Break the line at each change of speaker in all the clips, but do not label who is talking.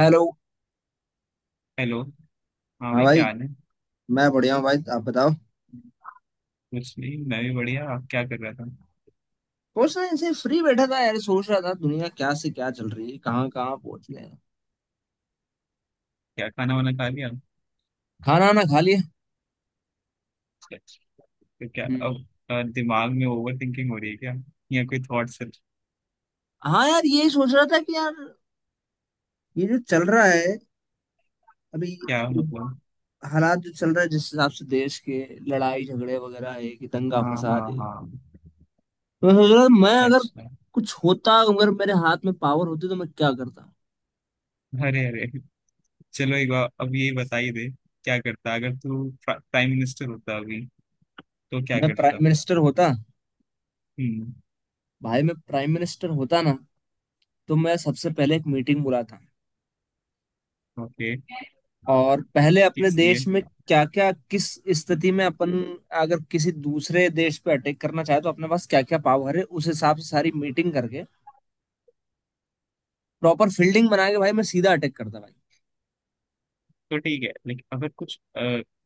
Hello.
Hello. हाँ
हाँ
भाई,
भाई,
क्या हाल है।
मैं बढ़िया हूँ भाई, आप बताओ।
कुछ नहीं, मैं भी बढ़िया। आप क्या कर रहा था।
कुछ नहीं, ऐसे फ्री बैठा था यार, सोच रहा था दुनिया क्या से क्या चल रही है, कहाँ कहाँ पहुंच गए हैं।
क्या खाना वाना खा लिया।
खाना वाना खा लिया।
तो क्या
हम्म।
अब। दिमाग में ओवर थिंकिंग हो रही है क्या। या कोई थॉट्स है।
हाँ यार, ये सोच रहा था कि यार ये जो चल रहा है अभी,
क्या
ये
मतलब।
हालात जो चल रहा है जिस हिसाब से देश के, लड़ाई झगड़े वगैरह है कि दंगा
हाँ
फसाद
हाँ
है।
हाँ।
तो मैं सोच रहा था, मैं अगर
अच्छा।
कुछ होता, अगर मेरे हाथ में पावर होती तो मैं क्या करता।
अरे अरे। चलो एक बार अब यही बताइए दे। क्या करता अगर तू प्राइम मिनिस्टर होता अभी, तो क्या
मैं प्राइम
करता।
मिनिस्टर होता।
हम्म।
भाई मैं प्राइम मिनिस्टर होता ना, तो मैं सबसे पहले एक मीटिंग बुलाता,
ओके।
और पहले अपने
इसलिए।
देश में क्या क्या किस स्थिति में अपन, अगर किसी दूसरे देश पे अटैक करना चाहे तो अपने पास क्या क्या पावर है, उस हिसाब से सारी मीटिंग करके प्रॉपर फील्डिंग बना के भाई मैं सीधा अटैक करता भाई।
तो ठीक है लेकिन अगर कुछ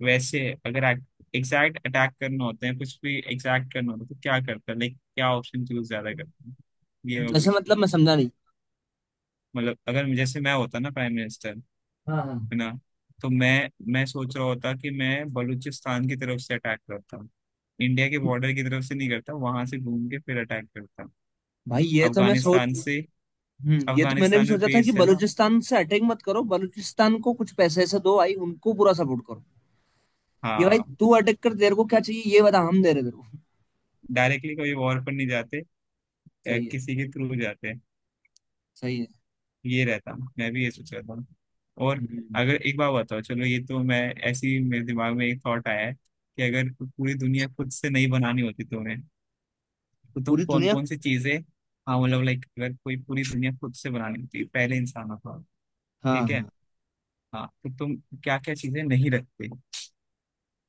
वैसे अगर एग्जैक्ट अटैक करना होता है, कुछ भी एग्जैक्ट करना होता है, तो क्या करता है, लाइक क्या ऑप्शन चूज ज्यादा करता है। ये मैं
जैसे मतलब,
पूछ।
मैं समझा नहीं।
मतलब अगर मैं- जैसे मैं होता ना प्राइम मिनिस्टर।
हाँ हाँ।
है ना। तो मैं सोच रहा होता कि मैं बलूचिस्तान की तरफ से अटैक करता हूँ। इंडिया के बॉर्डर की तरफ से नहीं करता, वहां से घूम के फिर अटैक करता हूँ।
भाई ये तो मैं
अफगानिस्तान
सोच।
से।
हम्म, ये तो मैंने भी
अफगानिस्तान में
सोचा था कि
बेस है ना।
बलूचिस्तान से अटैक मत करो, बलूचिस्तान को कुछ पैसे ऐसे दो भाई, उनको पूरा सपोर्ट करो। ये भाई
हाँ।
तू अटैक कर, तेरे को क्या चाहिए ये बता, हम दे रहे तेरे को।
डायरेक्टली कभी वॉर पर नहीं जाते।
सही है।
किसी के थ्रू जाते हैं।
सही है।
ये रहता। मैं भी ये सोच रहा था। और।
हम्म।
अगर एक बात बताओ, चलो ये तो मैं ऐसे ही मेरे दिमाग में एक थॉट आया है कि अगर पूरी दुनिया खुद से नहीं बनानी होती तुम्हें, तो तुम
पूरी
कौन
दुनिया।
कौन सी चीजें। हाँ, मतलब लाइक अगर कोई पूरी दुनिया खुद से बनानी होती पहले इंसानों को।
हाँ
ठीक है।
हाँ।
हाँ तो तुम। क्या क्या चीजें नहीं रखते।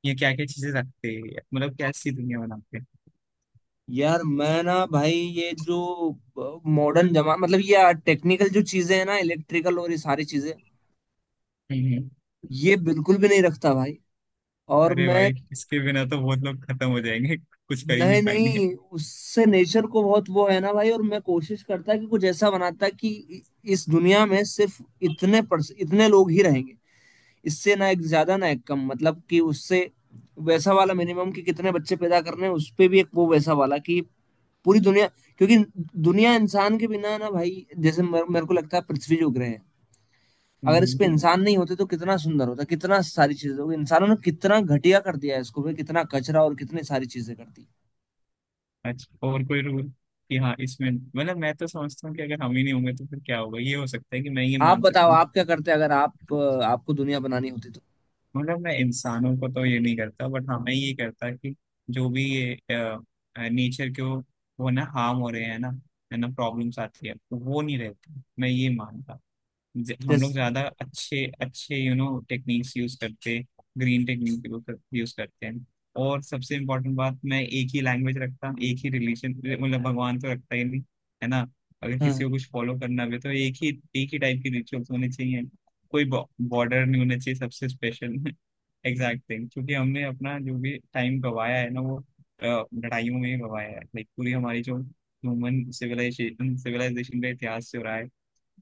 या क्या क्या चीजें रखते। मतलब कैसी दुनिया बनाते।
यार मैं ना भाई, ये जो मॉडर्न जमा मतलब ये टेक्निकल जो चीजें हैं ना, इलेक्ट्रिकल और ये सारी चीजें
हम्म हम्म।
ये बिल्कुल भी नहीं रखता भाई। और
अरे
मैं,
भाई, इसके बिना तो बहुत लोग खत्म हो जाएंगे, कुछ कर ही
नहीं
नहीं पाएंगे।
नहीं, उससे नेचर को बहुत वो है ना भाई। और मैं कोशिश करता कि कुछ ऐसा बनाता कि इस दुनिया में सिर्फ इतने पर्स इतने लोग ही रहेंगे। इससे ना एक ज्यादा ना एक कम, मतलब कि उससे वैसा वाला मिनिमम कि कितने बच्चे पैदा करने हैं, उस पे भी एक वो वैसा वाला कि पूरी दुनिया। क्योंकि दुनिया इंसान के बिना ना भाई, जैसे मेरे मेरे को लगता है पृथ्वी जो ग्रह है, अगर इस पे
हम्म।
इंसान नहीं होते तो कितना सुंदर होता, कितना सारी चीजें होती। इंसानों ने कितना घटिया कर दिया है इसको भाई, कितना कचरा और कितनी सारी चीजें कर दी।
अच्छा, और कोई रूल। कि हाँ इसमें मतलब मैं तो समझता हूँ कि अगर हम ही नहीं होंगे तो फिर क्या होगा, ये हो सकता है कि मैं ये
आप
मान
बताओ,
सकता हूँ।
आप क्या करते अगर आप आपको दुनिया बनानी होती तो।
मतलब मैं इंसानों को तो ये नहीं करता, बट हाँ मैं ये करता कि। जो भी ये। नेचर के वो। वो ना हार्म हो रहे हैं ना। है ना, प्रॉब्लम्स आती है तो वो नहीं रहती, मैं ये मानता। हम लोग
जैसे।
ज्यादा अच्छे अच्छे टेक्निक्स यूज करते। ग्रीन टेक्निक यूज करते हैं। और सबसे इम्पोर्टेंट बात, मैं एक ही लैंग्वेज रखता, एक ही रिलीजन। मतलब भगवान तो रखता ही नहीं। है ना। अगर
हाँ
किसी को कुछ फॉलो करना भी है, तो एक ही। एक ही टाइप के रिचुअल्स होने चाहिए। कोई बॉर्डर नहीं होना चाहिए, सबसे स्पेशल। Exact thing. क्योंकि हमने अपना जो भी टाइम गवाया है ना वो लड़ाइयों में ही गवाया है, लाइक पूरी हमारी जो ह्यूमन सिविलाइजेशन सिविलाइजेशन का इतिहास जो रहा है।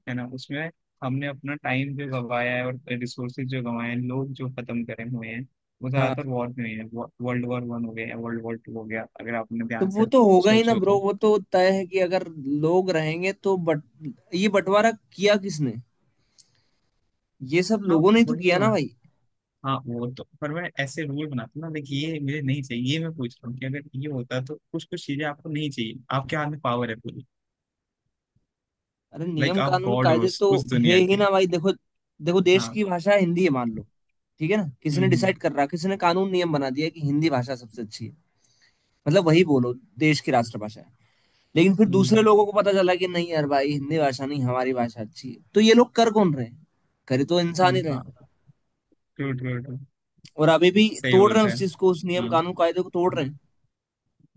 है ना उसमें। हमने अपना टाइम जो गवाया है और रिसोर्सेज जो गवाए हैं, लोग जो खत्म करे हुए हैं। वो
हाँ।
ज्यादातर वॉर में हुए हैं। वर्ल्ड वॉर वन हो गया, वर्ल्ड वॉर टू हो गया, अगर आपने
तो
ध्यान
वो
से।
तो होगा ही ना
सोचो तो।
ब्रो, वो तो तय है कि अगर लोग रहेंगे तो, बट ये बंटवारा किया किसने, ये सब
हाँ
लोगों ने ही तो
वही
किया
तो।
ना भाई।
हाँ वो तो, पर मैं ऐसे रूल बनाता हूँ ना, देखिए ये मुझे नहीं चाहिए, ये मैं पूछ रहा हूँ कि अगर ये होता तो कुछ कुछ चीजें आपको नहीं चाहिए, आपके हाथ में पावर है पूरी।
अरे
लाइक
नियम
आप
कानून
गॉड हो
कायदे
उस,
तो
उस
है
दुनिया
ही
के।
ना भाई। देखो, देखो देश
हाँ।
की भाषा हिंदी है, मान लो, ठीक है ना, किसी ने
हम्म
डिसाइड कर रहा, किसी ने कानून नियम बना दिया कि हिंदी भाषा सबसे अच्छी है, मतलब वही बोलो, देश की राष्ट्रभाषा है। लेकिन फिर
हम्म
दूसरे
हम्म,
लोगों को पता चला कि नहीं यार भाई, हिंदी भाषा नहीं हमारी भाषा अच्छी है, तो ये लोग कर कौन रहे हैं, कर तो इंसान ही रहे हैं।
हाँ। True true true.
और अभी भी
सही
तोड़
बोल
रहे हैं
रहे
उस
हैं।
चीज को, उस
हाँ
नियम
हाँ,
कानून कायदे को तोड़ रहे हैं।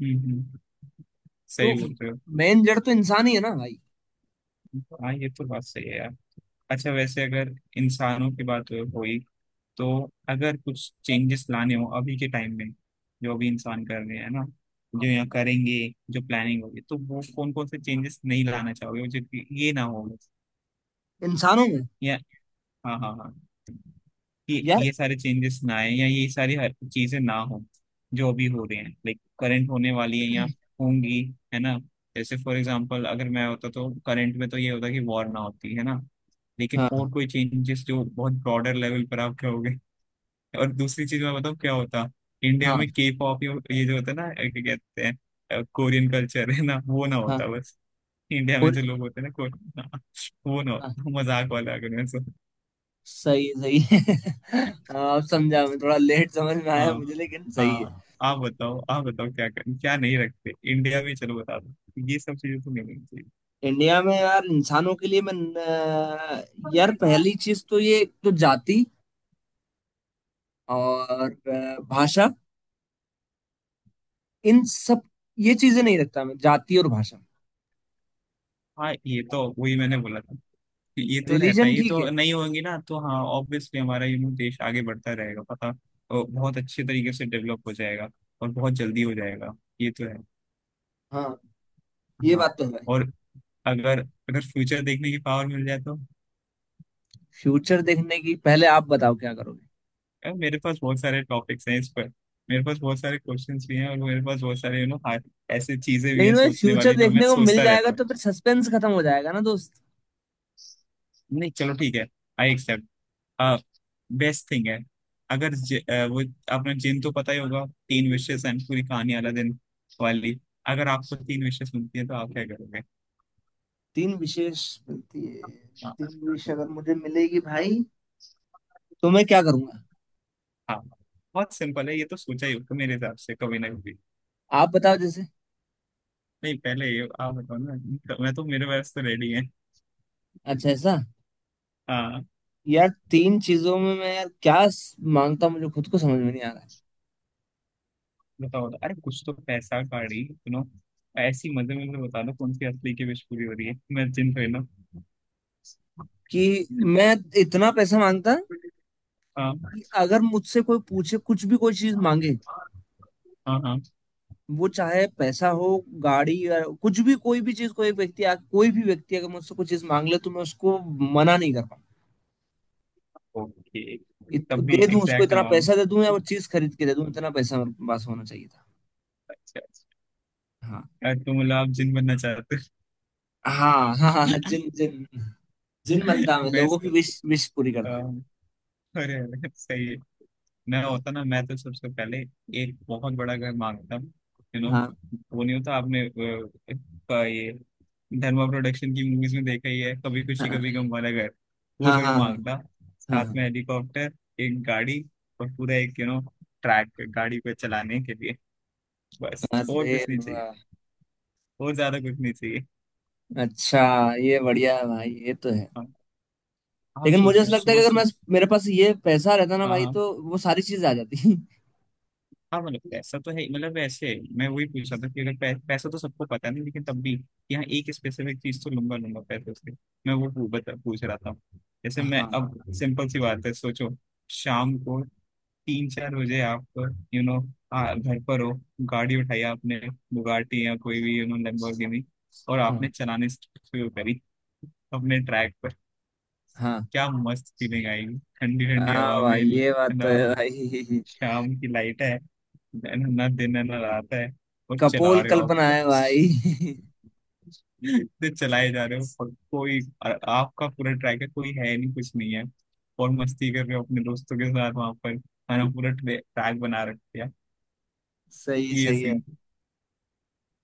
हम्म। सही
तो
बोल रहे हो।
मेन जड़ तो इंसान ही है ना भाई।
हाँ, ये तो बात सही है यार। अच्छा, वैसे अगर इंसानों की बात हुई। तो। अगर कुछ चेंजेस लाने हो अभी के टाइम में। जो अभी इंसान कर रहे हैं ना। जो यहाँ करेंगे। जो प्लानिंग होगी, तो वो कौन कौन से चेंजेस नहीं लाना चाहोगे जो कि ये ना हो।
इंसानों में,
या। हाँ हाँ हाँ। कि
यार।
ये सारे चेंजेस ना आए या ये सारी हर चीजें ना हो। जो अभी हो रही हैं, लाइक करंट होने वाली है या। होंगी। है ना। जैसे फॉर एग्जाम्पल अगर मैं होता तो करंट में तो ये होता कि वॉर ना होती, है ना। लेकिन
हाँ
और कोई चेंजेस जो बहुत ब्रॉडर लेवल पर आप कहोगे। और दूसरी चीज मैं बताऊँ क्या होता। इंडिया
हाँ
में के पॉप, ये जो होता है ना, क्या कहते हैं, कोरियन कल्चर, है ना, वो ना
हाँ।
होता बस। इंडिया में
और
जो लोग होते हैं ना कोरियन हाँ, वो ना
हाँ।
होता, मजाक वाला, अगर मैं सो।
सही सही है। हाँ, अब समझा, मैं थोड़ा लेट समझ में आया
हाँ।
मुझे, लेकिन सही है।
हाँ, आप बताओ, क्या नहीं रखते इंडिया में, चलो बता दो। ये सब चीजें तो नहीं होनी चाहिए।
इंडिया में, यार इंसानों के लिए मैं, अ, यार पहली चीज तो ये तो जाति और भाषा, इन सब, ये चीजें नहीं रखता मैं, जाति और भाषा,
हाँ, ये तो वही मैंने बोला था। ये तो रहता है,
रिलीजन।
ये
ठीक
तो
है।
नहीं होंगी ना, तो हाँ ऑब्वियसली हमारा देश आगे बढ़ता रहेगा पता। और बहुत अच्छे तरीके से डेवलप हो जाएगा। और बहुत जल्दी हो जाएगा। ये तो है।
हाँ ये
हाँ।
बात तो है।
और। अगर अगर फ्यूचर देखने की पावर मिल जाए तो।
फ्यूचर देखने की पहले आप बताओ क्या करोगे।
यार, मेरे पास बहुत सारे टॉपिक्स हैं इस पर। मेरे पास बहुत सारे क्वेश्चंस भी हैं और मेरे पास बहुत सारे ऐसे चीजें भी हैं
लेकिन भाई
सोचने
फ्यूचर
वाली, जो मैं
देखने को मिल
सोचता
जाएगा
रहता हूँ।
तो फिर सस्पेंस खत्म हो जाएगा ना दोस्त।
नहीं, चलो ठीक है। I accept. बेस्ट थिंग है। अगर वो आपने जिन तो पता ही होगा, तीन विशेष एंड पूरी कहानी वाला दिन। वाली। अगर आपको तीन विशेष मिलती है तो आप क्या करोगे।
तीन विशेष मिलती है,
हाँ
तीन विशेष अगर मुझे मिलेगी भाई, तो मैं क्या करूंगा।
हाँ। बहुत सिंपल है, ये तो सोचा ही होगा मेरे हिसाब से कभी ना कभी।
आप बताओ जैसे।
नहीं, पहले ये आप बताओ ना। मैं तो, मेरे पास तो रेडी है।
अच्छा, ऐसा।
हाँ,
यार तीन चीजों में मैं यार क्या मांगता हूं, मुझे खुद को समझ में नहीं आ रहा है।
बताओ बताओ, अरे कुछ तो पैसा गाड़ी, सुनो। ऐसी मजे में तो बता दो, कौन सी असली की विश पूरी हो रही है, मैं जिन थोड़ी ना।
कि मैं इतना पैसा मांगता
हाँ
कि अगर मुझसे कोई पूछे, कुछ भी कोई चीज मांगे,
हाँ हाँ।
वो चाहे पैसा हो, गाड़ी या कुछ भी, कोई भी चीज, कोई व्यक्ति आ, कोई भी व्यक्ति अगर मुझसे कोई चीज मांग ले तो मैं उसको मना नहीं कर पाऊँ।
ओके। तब भी
दे दूं उसको,
एग्जैक्ट
इतना
अमाउंट।
पैसा दे दूं या वो चीज खरीद के दे दूं, इतना पैसा मेरे पास होना चाहिए था।
अच्छा अच्छा।
हाँ।
यार, तो मतलब आप जिन बनना चाहते
हाँ हाँ हाँ, जिन जिन, जिन
हो।
बनता, मैं लोगों
बेस्ट।
की विश विश पूरी करता।
अरे अरे, सही है। मैं होता ना, मैं तो सबसे पहले एक बहुत बड़ा घर मांगता हूँ, यू नो,
हाँ
वो नहीं होता आपने ये धर्मा प्रोडक्शन की मूवीज में देखा ही है, कभी खुशी
हाँ
कभी गम वाला घर। वो
हाँ।
जरूर
हाँ हाँ
मांगता।
हाँ
साथ में
हाँ।
हेलीकॉप्टर। एक गाड़ी। और पूरा एक ट्रैक, गाड़ी को चलाने के लिए। बस और
अरे
कुछ नहीं चाहिए।
वाह।
और ज्यादा कुछ नहीं चाहिए।
अच्छा, ये बढ़िया है भाई, ये तो है।
हाँ, आप
लेकिन मुझे
सोचो
ऐसा लगता है
सुबह
कि अगर मैं,
सुबह।
मेरे पास ये पैसा रहता ना
हाँ
भाई,
हाँ।
तो वो सारी चीजें आ जाती।
हाँ मतलब पैसा तो है ही, मतलब वैसे मैं वही पूछ रहा था कि अगर पै, पैसा तो सबको पता नहीं लेकिन तब भी। यहाँ एक स्पेसिफिक चीज तो लूंगा लूंगा पैसे से। मैं वो पू- बता पूछ रहा था। जैसे मैं
हाँ
अब सिंपल सी बात है, सोचो। शाम को 3-4 बजे आप घर पर हो। गाड़ी उठाई आपने, बुगाटी या कोई भी लैम्बोर्गिनी। और आपने
हाँ।
चलाने शुरू करी अपने ट्रैक पर।
हाँ
क्या मस्त फीलिंग आएगी, ठंडी ठंडी
हाँ
हवा में,
भाई ये
है
बात तो
ना।
है भाई।
शाम की लाइट है, मैंने ना दिन है ना रात है। और चला
कपोल
रहे हो
कल्पना
आप।
है भाई।
तो चलाए जा रहे हो, और कोई। और आपका पूरा ट्रैक है, कोई है नहीं, कुछ नहीं है। और मस्ती कर रहे हो अपने दोस्तों के साथ वहां पर। है ना, पूरा ट्रैक बना रखा है।
सही
ये
सही है।
सीन,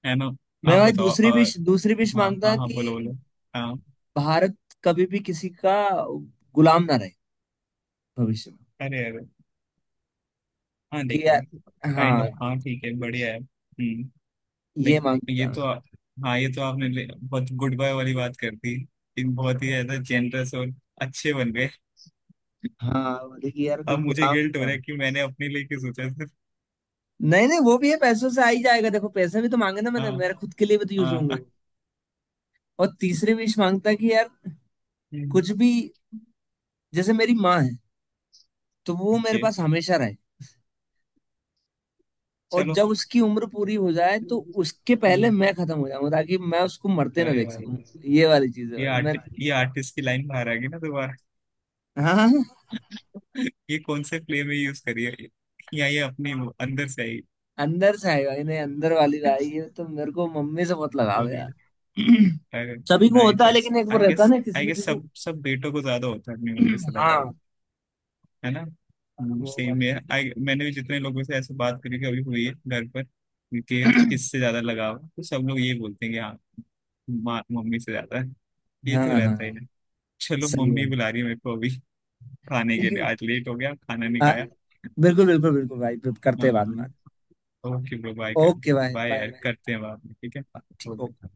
है ना।
मैं
आप
भाई
बताओ
दूसरी
और।
विश, दूसरी विश
हाँ
मांगता
हाँ हाँ, बोलो
कि
बोलो। हाँ।
भारत कभी भी किसी का गुलाम ना रहे भविष्य में।
अरे अरे। हाँ,
कि
देखा है।
यार,
काइंड ऑफ,
हाँ,
हाँ ठीक है, बढ़िया है। हम्म।
ये
लाइक ये
मांगता मैं।
तो आ-। हाँ, ये तो आपने बहुत गुड बाय वाली बात कर दी कि बहुत ही ज्यादा जेनरस और अच्छे बन गए।
हाँ, बोले कि यार कोई
अब मुझे
गुलाम
गिल्ट हो
नहीं।
रहा है कि मैंने अपने लिए क्यों सोचा सिर्फ।
नहीं नहीं, वो भी है, पैसों से आ ही जाएगा देखो, पैसे भी तो मांगे ना मैंने,
हाँ।
मेरे खुद के लिए भी तो यूज होंगे
हाँ।
वो। और तीसरी विश मांगता है कि यार कुछ भी, जैसे मेरी माँ है, तो वो मेरे
ओके,
पास हमेशा रहे। और
चलो।
जब उसकी उम्र पूरी हो जाए तो उसके पहले
हम्म,
मैं खत्म हो जाऊं, ताकि मैं उसको मरते ना
अरे
देख
भाई,
सकूं। ये वाली चीज है भाई। मैं,
ये आर्टिस्ट की लाइन बाहर आ गई ना दोबारा।
हाँ हाँ,
ये कौन से प्ले में यूज करी है। या ये अपने वो अंदर से आई।
अंदर से आई भाई, नहीं अंदर वाली भाई, ये तो मेरे को मम्मी से बहुत लगाव है
बोलिए।
यार।
अरे।
सभी को होता है,
नाइस,
लेकिन एक वो
आई
रहता है
गेस
ना किसी
आई
किसी
गेस
को।
सब सब बेटों को ज्यादा होता है अपनी मम्मी से
हाँ।
लगाव। है ना।
वो
सेम
वाली।
है, आई मैंने भी जितने लोगों से ऐसे बात करी कि अभी हुई है घर पर, कि किससे ज्यादा लगाव है, तो सब लोग ये बोलते हैं कि हाँ माँ मम्मी से ज्यादा है। ये
हाँ
तो
हाँ
रहता ही
हाँ,
है। चलो,
सही है।
मम्मी बुला रही है मेरे को अभी खाने के लिए,
लेकिन
आज लेट हो गया, खाना नहीं खाया।
बिल्कुल बिल्कुल बिल्कुल भाई, करते
हाँ,
हैं बाद में।
ओके ब्रो, बाय कर।
ओके भाई,
बाय
बाय
यार,
बाय।
करते हैं बाद में, ठीक है।
ठीक।
Okay.